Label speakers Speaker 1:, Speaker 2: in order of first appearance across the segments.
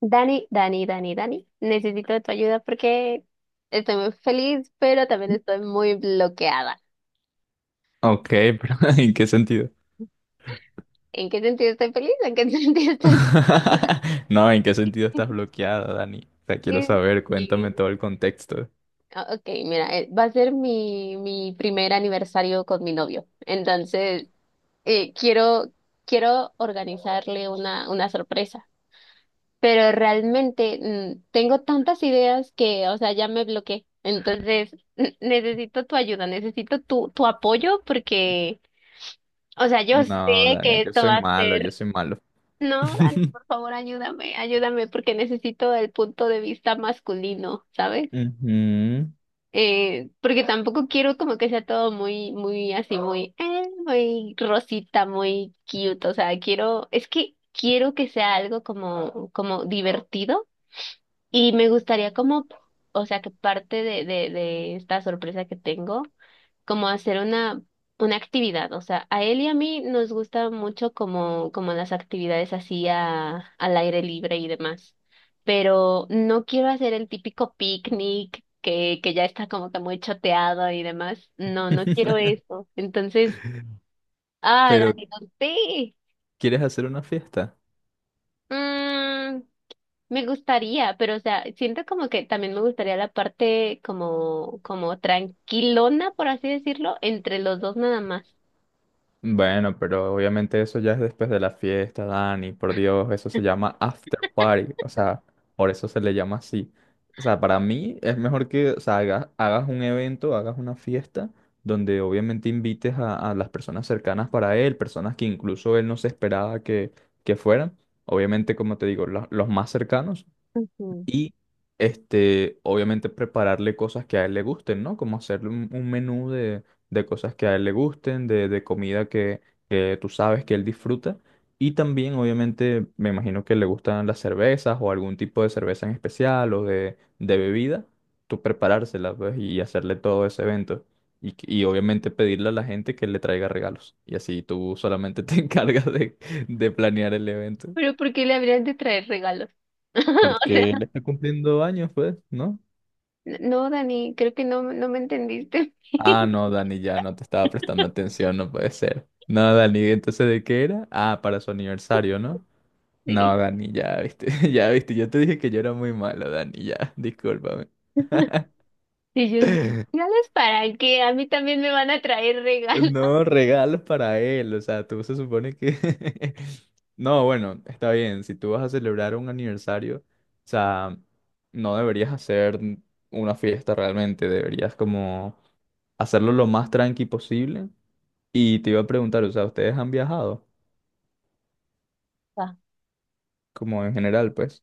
Speaker 1: Dani, Dani, Dani, Dani, necesito de tu ayuda porque estoy muy feliz, pero también estoy muy bloqueada.
Speaker 2: Ok, pero ¿en qué sentido?
Speaker 1: ¿En qué sentido estoy feliz? ¿En qué sentido estoy
Speaker 2: No, ¿en qué sentido estás bloqueada, Dani? O sea, quiero
Speaker 1: feliz?
Speaker 2: saber,
Speaker 1: Sí.
Speaker 2: cuéntame todo el contexto.
Speaker 1: Ok, mira, va a ser mi primer aniversario con mi novio. Entonces, eh, quiero, quiero organizarle una sorpresa. Pero realmente tengo tantas ideas que, o sea, ya me bloqueé. Entonces, necesito tu ayuda, necesito tu apoyo porque o sea, yo
Speaker 2: No,
Speaker 1: sé que
Speaker 2: Dani, yo
Speaker 1: esto va
Speaker 2: soy
Speaker 1: a
Speaker 2: malo, yo
Speaker 1: ser.
Speaker 2: soy malo.
Speaker 1: No, Dani, por favor, ayúdame, ayúdame, porque necesito el punto de vista masculino, ¿sabes?
Speaker 2: Ujú.
Speaker 1: Porque tampoco quiero como que sea todo muy así, muy rosita, muy cute. O sea, quiero, es que quiero que sea algo como, como divertido y me gustaría como, o sea, que parte de esta sorpresa que tengo, como hacer una actividad. O sea, a él y a mí nos gusta mucho como, como las actividades así a, al aire libre y demás. Pero no quiero hacer el típico picnic que ya está como que muy choteado y demás. No, no quiero eso. Entonces, ah,
Speaker 2: Pero,
Speaker 1: Dani, no sé.
Speaker 2: ¿quieres hacer una fiesta?
Speaker 1: Me gustaría, pero o sea, siento como que también me gustaría la parte como, como tranquilona, por así decirlo, entre los dos nada más.
Speaker 2: Bueno, pero obviamente eso ya es después de la fiesta, Dani, por Dios, eso se llama after party, o sea, por eso se le llama así. O sea, para mí es mejor que, o sea, hagas un evento, hagas una fiesta donde obviamente invites a, las personas cercanas para él, personas que incluso él no se esperaba que fueran. Obviamente, como te digo, los más cercanos
Speaker 1: Ujú.
Speaker 2: y este, obviamente prepararle cosas que a él le gusten, ¿no? Como hacerle un menú de cosas que a él le gusten, de comida que tú sabes que él disfruta. Y también, obviamente, me imagino que le gustan las cervezas o algún tipo de cerveza en especial o de bebida, tú preparársela, pues, y hacerle todo ese evento. Y, y obviamente pedirle a la gente que le traiga regalos. Y así tú solamente te encargas de planear el evento.
Speaker 1: Pero ¿por qué le habrían de traer regalos? O
Speaker 2: Porque él
Speaker 1: sea,
Speaker 2: está cumpliendo años, pues, ¿no?
Speaker 1: no, Dani, creo que no me entendiste.
Speaker 2: Ah, no, Dani, ya no te estaba prestando atención, no puede ser. No, Dani, entonces ¿de qué era? Ah, para su aniversario, ¿no?
Speaker 1: Sí.
Speaker 2: No, Dani, ya viste, ya viste, yo te dije que yo era muy malo, Dani, ya, discúlpame.
Speaker 1: Y yo, ¿regalos para qué? A mí también me van a traer regalos.
Speaker 2: No, regalos para él, o sea, tú se supone que... No, bueno, está bien, si tú vas a celebrar un aniversario, o sea, no deberías hacer una fiesta realmente, deberías como hacerlo lo más tranqui posible. Y te iba a preguntar, o sea, ¿ustedes han viajado? Como en general, pues.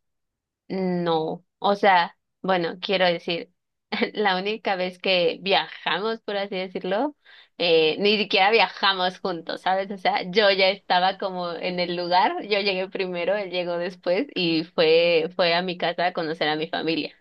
Speaker 1: No, o sea, bueno, quiero decir, la única vez que viajamos, por así decirlo, ni siquiera viajamos juntos, ¿sabes? O sea, yo ya estaba como en el lugar, yo llegué primero, él llegó después y fue a mi casa a conocer a mi familia.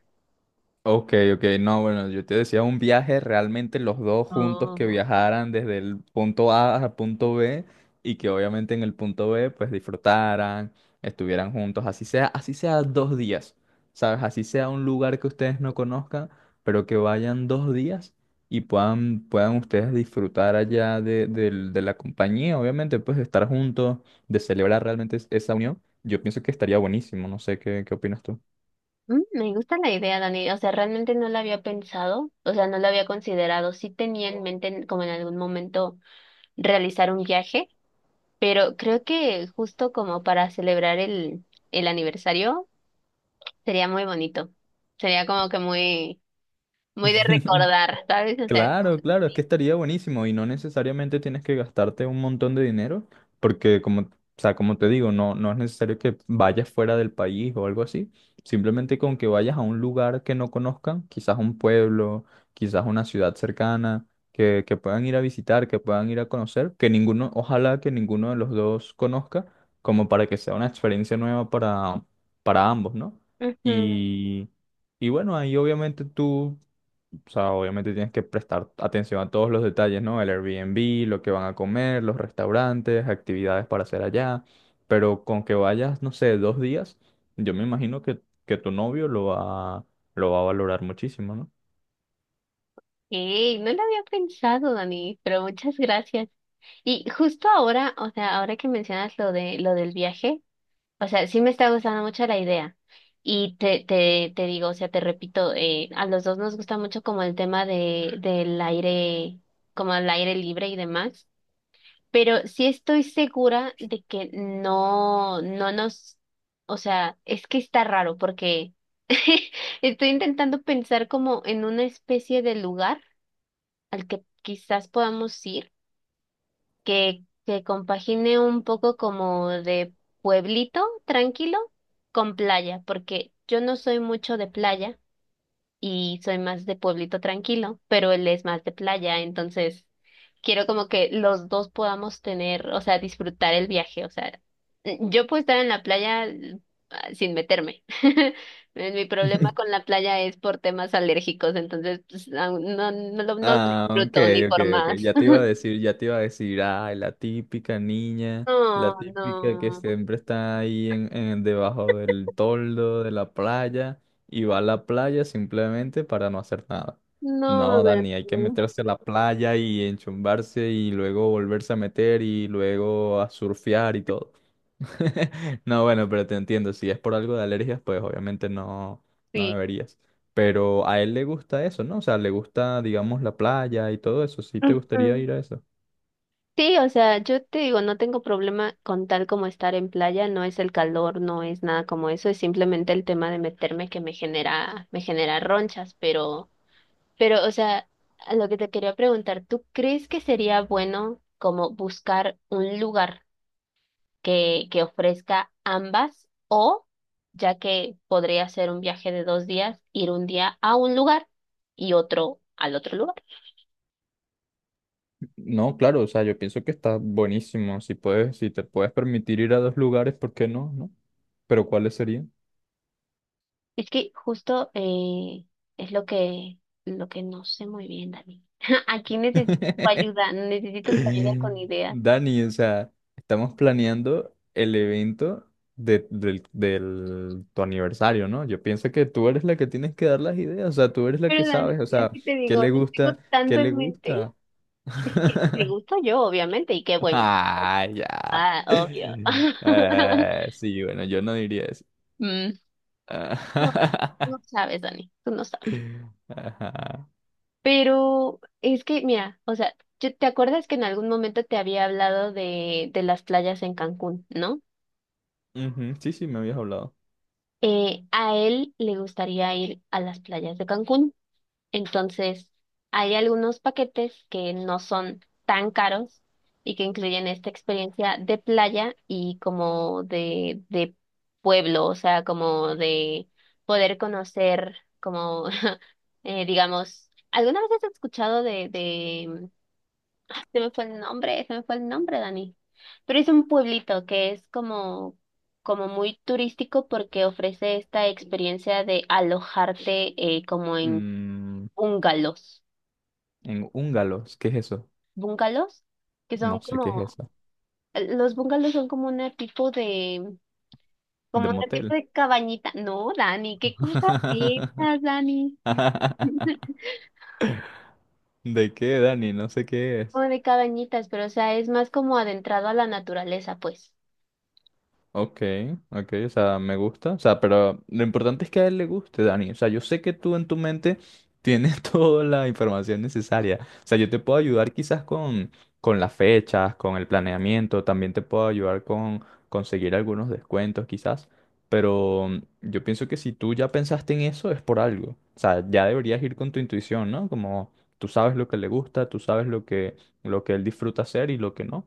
Speaker 2: Ok, ok, no, bueno, yo te decía un viaje realmente los dos juntos que
Speaker 1: Oh.
Speaker 2: viajaran desde el punto A al punto B y que obviamente en el punto B pues disfrutaran, estuvieran juntos, así sea dos días, ¿sabes? Así sea un lugar que ustedes no conozcan, pero que vayan dos días y puedan ustedes disfrutar allá de, de la compañía, obviamente pues de estar juntos, de celebrar realmente esa unión. Yo pienso que estaría buenísimo, no sé qué, qué opinas tú.
Speaker 1: Me gusta la idea, Dani. O sea, realmente no la había pensado, o sea, no la había considerado. Sí tenía en mente como en algún momento realizar un viaje. Pero creo que justo como para celebrar el aniversario sería muy bonito. Sería como que muy, muy de recordar, ¿sabes? O sea, como...
Speaker 2: Claro, claro, es que estaría buenísimo y no necesariamente tienes que gastarte un montón de dinero, porque como, o sea, como te digo, no, no es necesario que vayas fuera del país o algo así, simplemente con que vayas a un lugar que no conozcan, quizás un pueblo, quizás una ciudad cercana, que puedan ir a visitar, que puedan ir a conocer, que ninguno, ojalá que ninguno de los dos conozca, como para que sea una experiencia nueva para ambos, ¿no?
Speaker 1: Ujú.
Speaker 2: Y... Y bueno, ahí obviamente tú, o sea, obviamente tienes que prestar atención a todos los detalles, ¿no? El Airbnb, lo que van a comer, los restaurantes, actividades para hacer allá. Pero con que vayas, no sé, dos días, yo me imagino que tu novio lo va a valorar muchísimo, ¿no?
Speaker 1: Ey, no lo había pensado, Dani, pero muchas gracias. Y justo ahora, o sea, ahora que mencionas lo del viaje, o sea, sí me está gustando mucho la idea. Y te digo, o sea, te repito, a los dos nos gusta mucho como el tema de, del aire, como el aire libre y demás. Pero sí estoy segura de que no, no nos, o sea, es que está raro porque estoy intentando pensar como en una especie de lugar al que quizás podamos ir, que compagine un poco como de pueblito tranquilo con playa, porque yo no soy mucho de playa y soy más de pueblito tranquilo, pero él es más de playa, entonces quiero como que los dos podamos tener, o sea, disfrutar el viaje, o sea, yo puedo estar en la playa sin meterme. Mi problema con la playa es por temas alérgicos, entonces pues, aún no lo
Speaker 2: Ah, ok,
Speaker 1: disfruto ni
Speaker 2: ok,
Speaker 1: por
Speaker 2: ok.
Speaker 1: más.
Speaker 2: Ya te iba a decir, ya te iba a decir, ay, la típica niña, la
Speaker 1: No,
Speaker 2: típica que
Speaker 1: no,
Speaker 2: siempre está ahí en debajo del toldo de la playa y va a la playa simplemente para no hacer nada.
Speaker 1: no,
Speaker 2: No, Dani, hay que
Speaker 1: Beto,
Speaker 2: meterse a la playa y enchumbarse y luego volverse a meter y luego a surfear y todo. No, bueno, pero te entiendo, si es por algo de alergias, pues obviamente no, no
Speaker 1: sí.
Speaker 2: deberías. Pero a él le gusta eso, ¿no? O sea, le gusta, digamos, la playa y todo eso. ¿Sí te gustaría ir a eso?
Speaker 1: Sí, o sea, yo te digo, no tengo problema con tal como estar en playa, no es el calor, no es nada como eso, es simplemente el tema de meterme que me genera ronchas, pero, o sea, a lo que te quería preguntar, ¿tú crees que sería bueno como buscar un lugar que ofrezca ambas o, ya que podría ser un viaje de dos días, ir un día a un lugar y otro al otro lugar?
Speaker 2: No, claro, o sea, yo pienso que está buenísimo. Si puedes, si te puedes permitir ir a dos lugares, ¿por qué no? ¿No? Pero ¿cuáles serían?
Speaker 1: Es que justo es lo que no sé muy bien, Dani. Aquí necesito tu ayuda con ideas.
Speaker 2: Dani, o sea, estamos planeando el evento de, del, tu aniversario, ¿no? Yo pienso que tú eres la que tienes que dar las ideas, o sea, tú eres la que
Speaker 1: Pero Dani,
Speaker 2: sabes, o
Speaker 1: es
Speaker 2: sea,
Speaker 1: que te
Speaker 2: ¿qué
Speaker 1: digo, no
Speaker 2: le
Speaker 1: tengo
Speaker 2: gusta? ¿Qué
Speaker 1: tanto
Speaker 2: le
Speaker 1: en mente.
Speaker 2: gusta?
Speaker 1: Es que me gusta yo, obviamente, y qué bueno.
Speaker 2: Ah, ya.
Speaker 1: Ah, obvio.
Speaker 2: Sí, bueno, yo no diría eso.
Speaker 1: Mm. No, no
Speaker 2: Ah,
Speaker 1: sabes, Dani, tú no sabes.
Speaker 2: ajá.
Speaker 1: Pero es que, mira, o sea, ¿te acuerdas que en algún momento te había hablado de las playas en Cancún, ¿no?
Speaker 2: Ujú, sí, sí, me habías hablado.
Speaker 1: A él le gustaría ir a las playas de Cancún. Entonces, hay algunos paquetes que no son tan caros y que incluyen esta experiencia de playa y como de pueblo, o sea, como de poder conocer, como, digamos, ¿alguna vez has escuchado de, se me fue el nombre, se me fue el nombre, Dani. Pero es un pueblito que es como, como muy turístico porque ofrece esta experiencia de alojarte como en
Speaker 2: Mm,
Speaker 1: bungalows.
Speaker 2: en húngalos, ¿qué es eso?
Speaker 1: ¿Bungalows? Que
Speaker 2: No
Speaker 1: son
Speaker 2: sé qué es
Speaker 1: como,
Speaker 2: eso.
Speaker 1: los bungalows son como un tipo de,
Speaker 2: De
Speaker 1: como un tipo
Speaker 2: motel.
Speaker 1: de cabañita. No, Dani, ¿qué cosas piensas, Dani?
Speaker 2: ¿De qué, Dani? No sé qué es.
Speaker 1: Como de cabañitas, pero o sea, es más como adentrado a la naturaleza, pues.
Speaker 2: Ok, ok, o sea, me gusta. O sea, pero lo importante es que a él le guste, Dani. O sea, yo sé que tú en tu mente tienes toda la información necesaria. O sea, yo te puedo ayudar quizás con las fechas, con el planeamiento, también te puedo ayudar con conseguir algunos descuentos quizás. Pero yo pienso que si tú ya pensaste en eso es por algo. O sea, ya deberías ir con tu intuición, ¿no? Como tú sabes lo que le gusta, tú sabes lo que él disfruta hacer y lo que no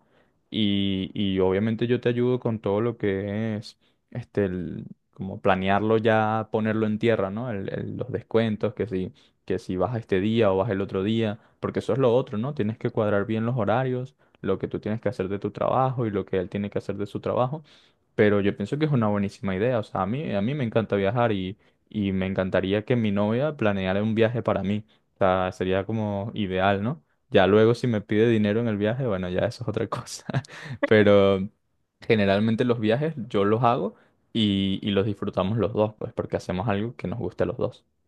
Speaker 2: y, y obviamente yo te ayudo con todo lo que es, este, como planearlo ya, ponerlo en tierra, ¿no? Los descuentos, que si vas este día o vas el otro día, porque eso es lo otro, ¿no? Tienes que cuadrar bien los horarios, lo que tú tienes que hacer de tu trabajo y lo que él tiene que hacer de su trabajo, pero yo pienso que es una buenísima idea. O sea, a mí me encanta viajar y me encantaría que mi novia planeara un viaje para mí. O sea, sería como ideal, ¿no? Ya luego si me pide dinero en el viaje, bueno, ya eso es otra cosa. Pero generalmente los viajes yo los hago y los disfrutamos los dos, pues porque hacemos algo que nos guste a los dos.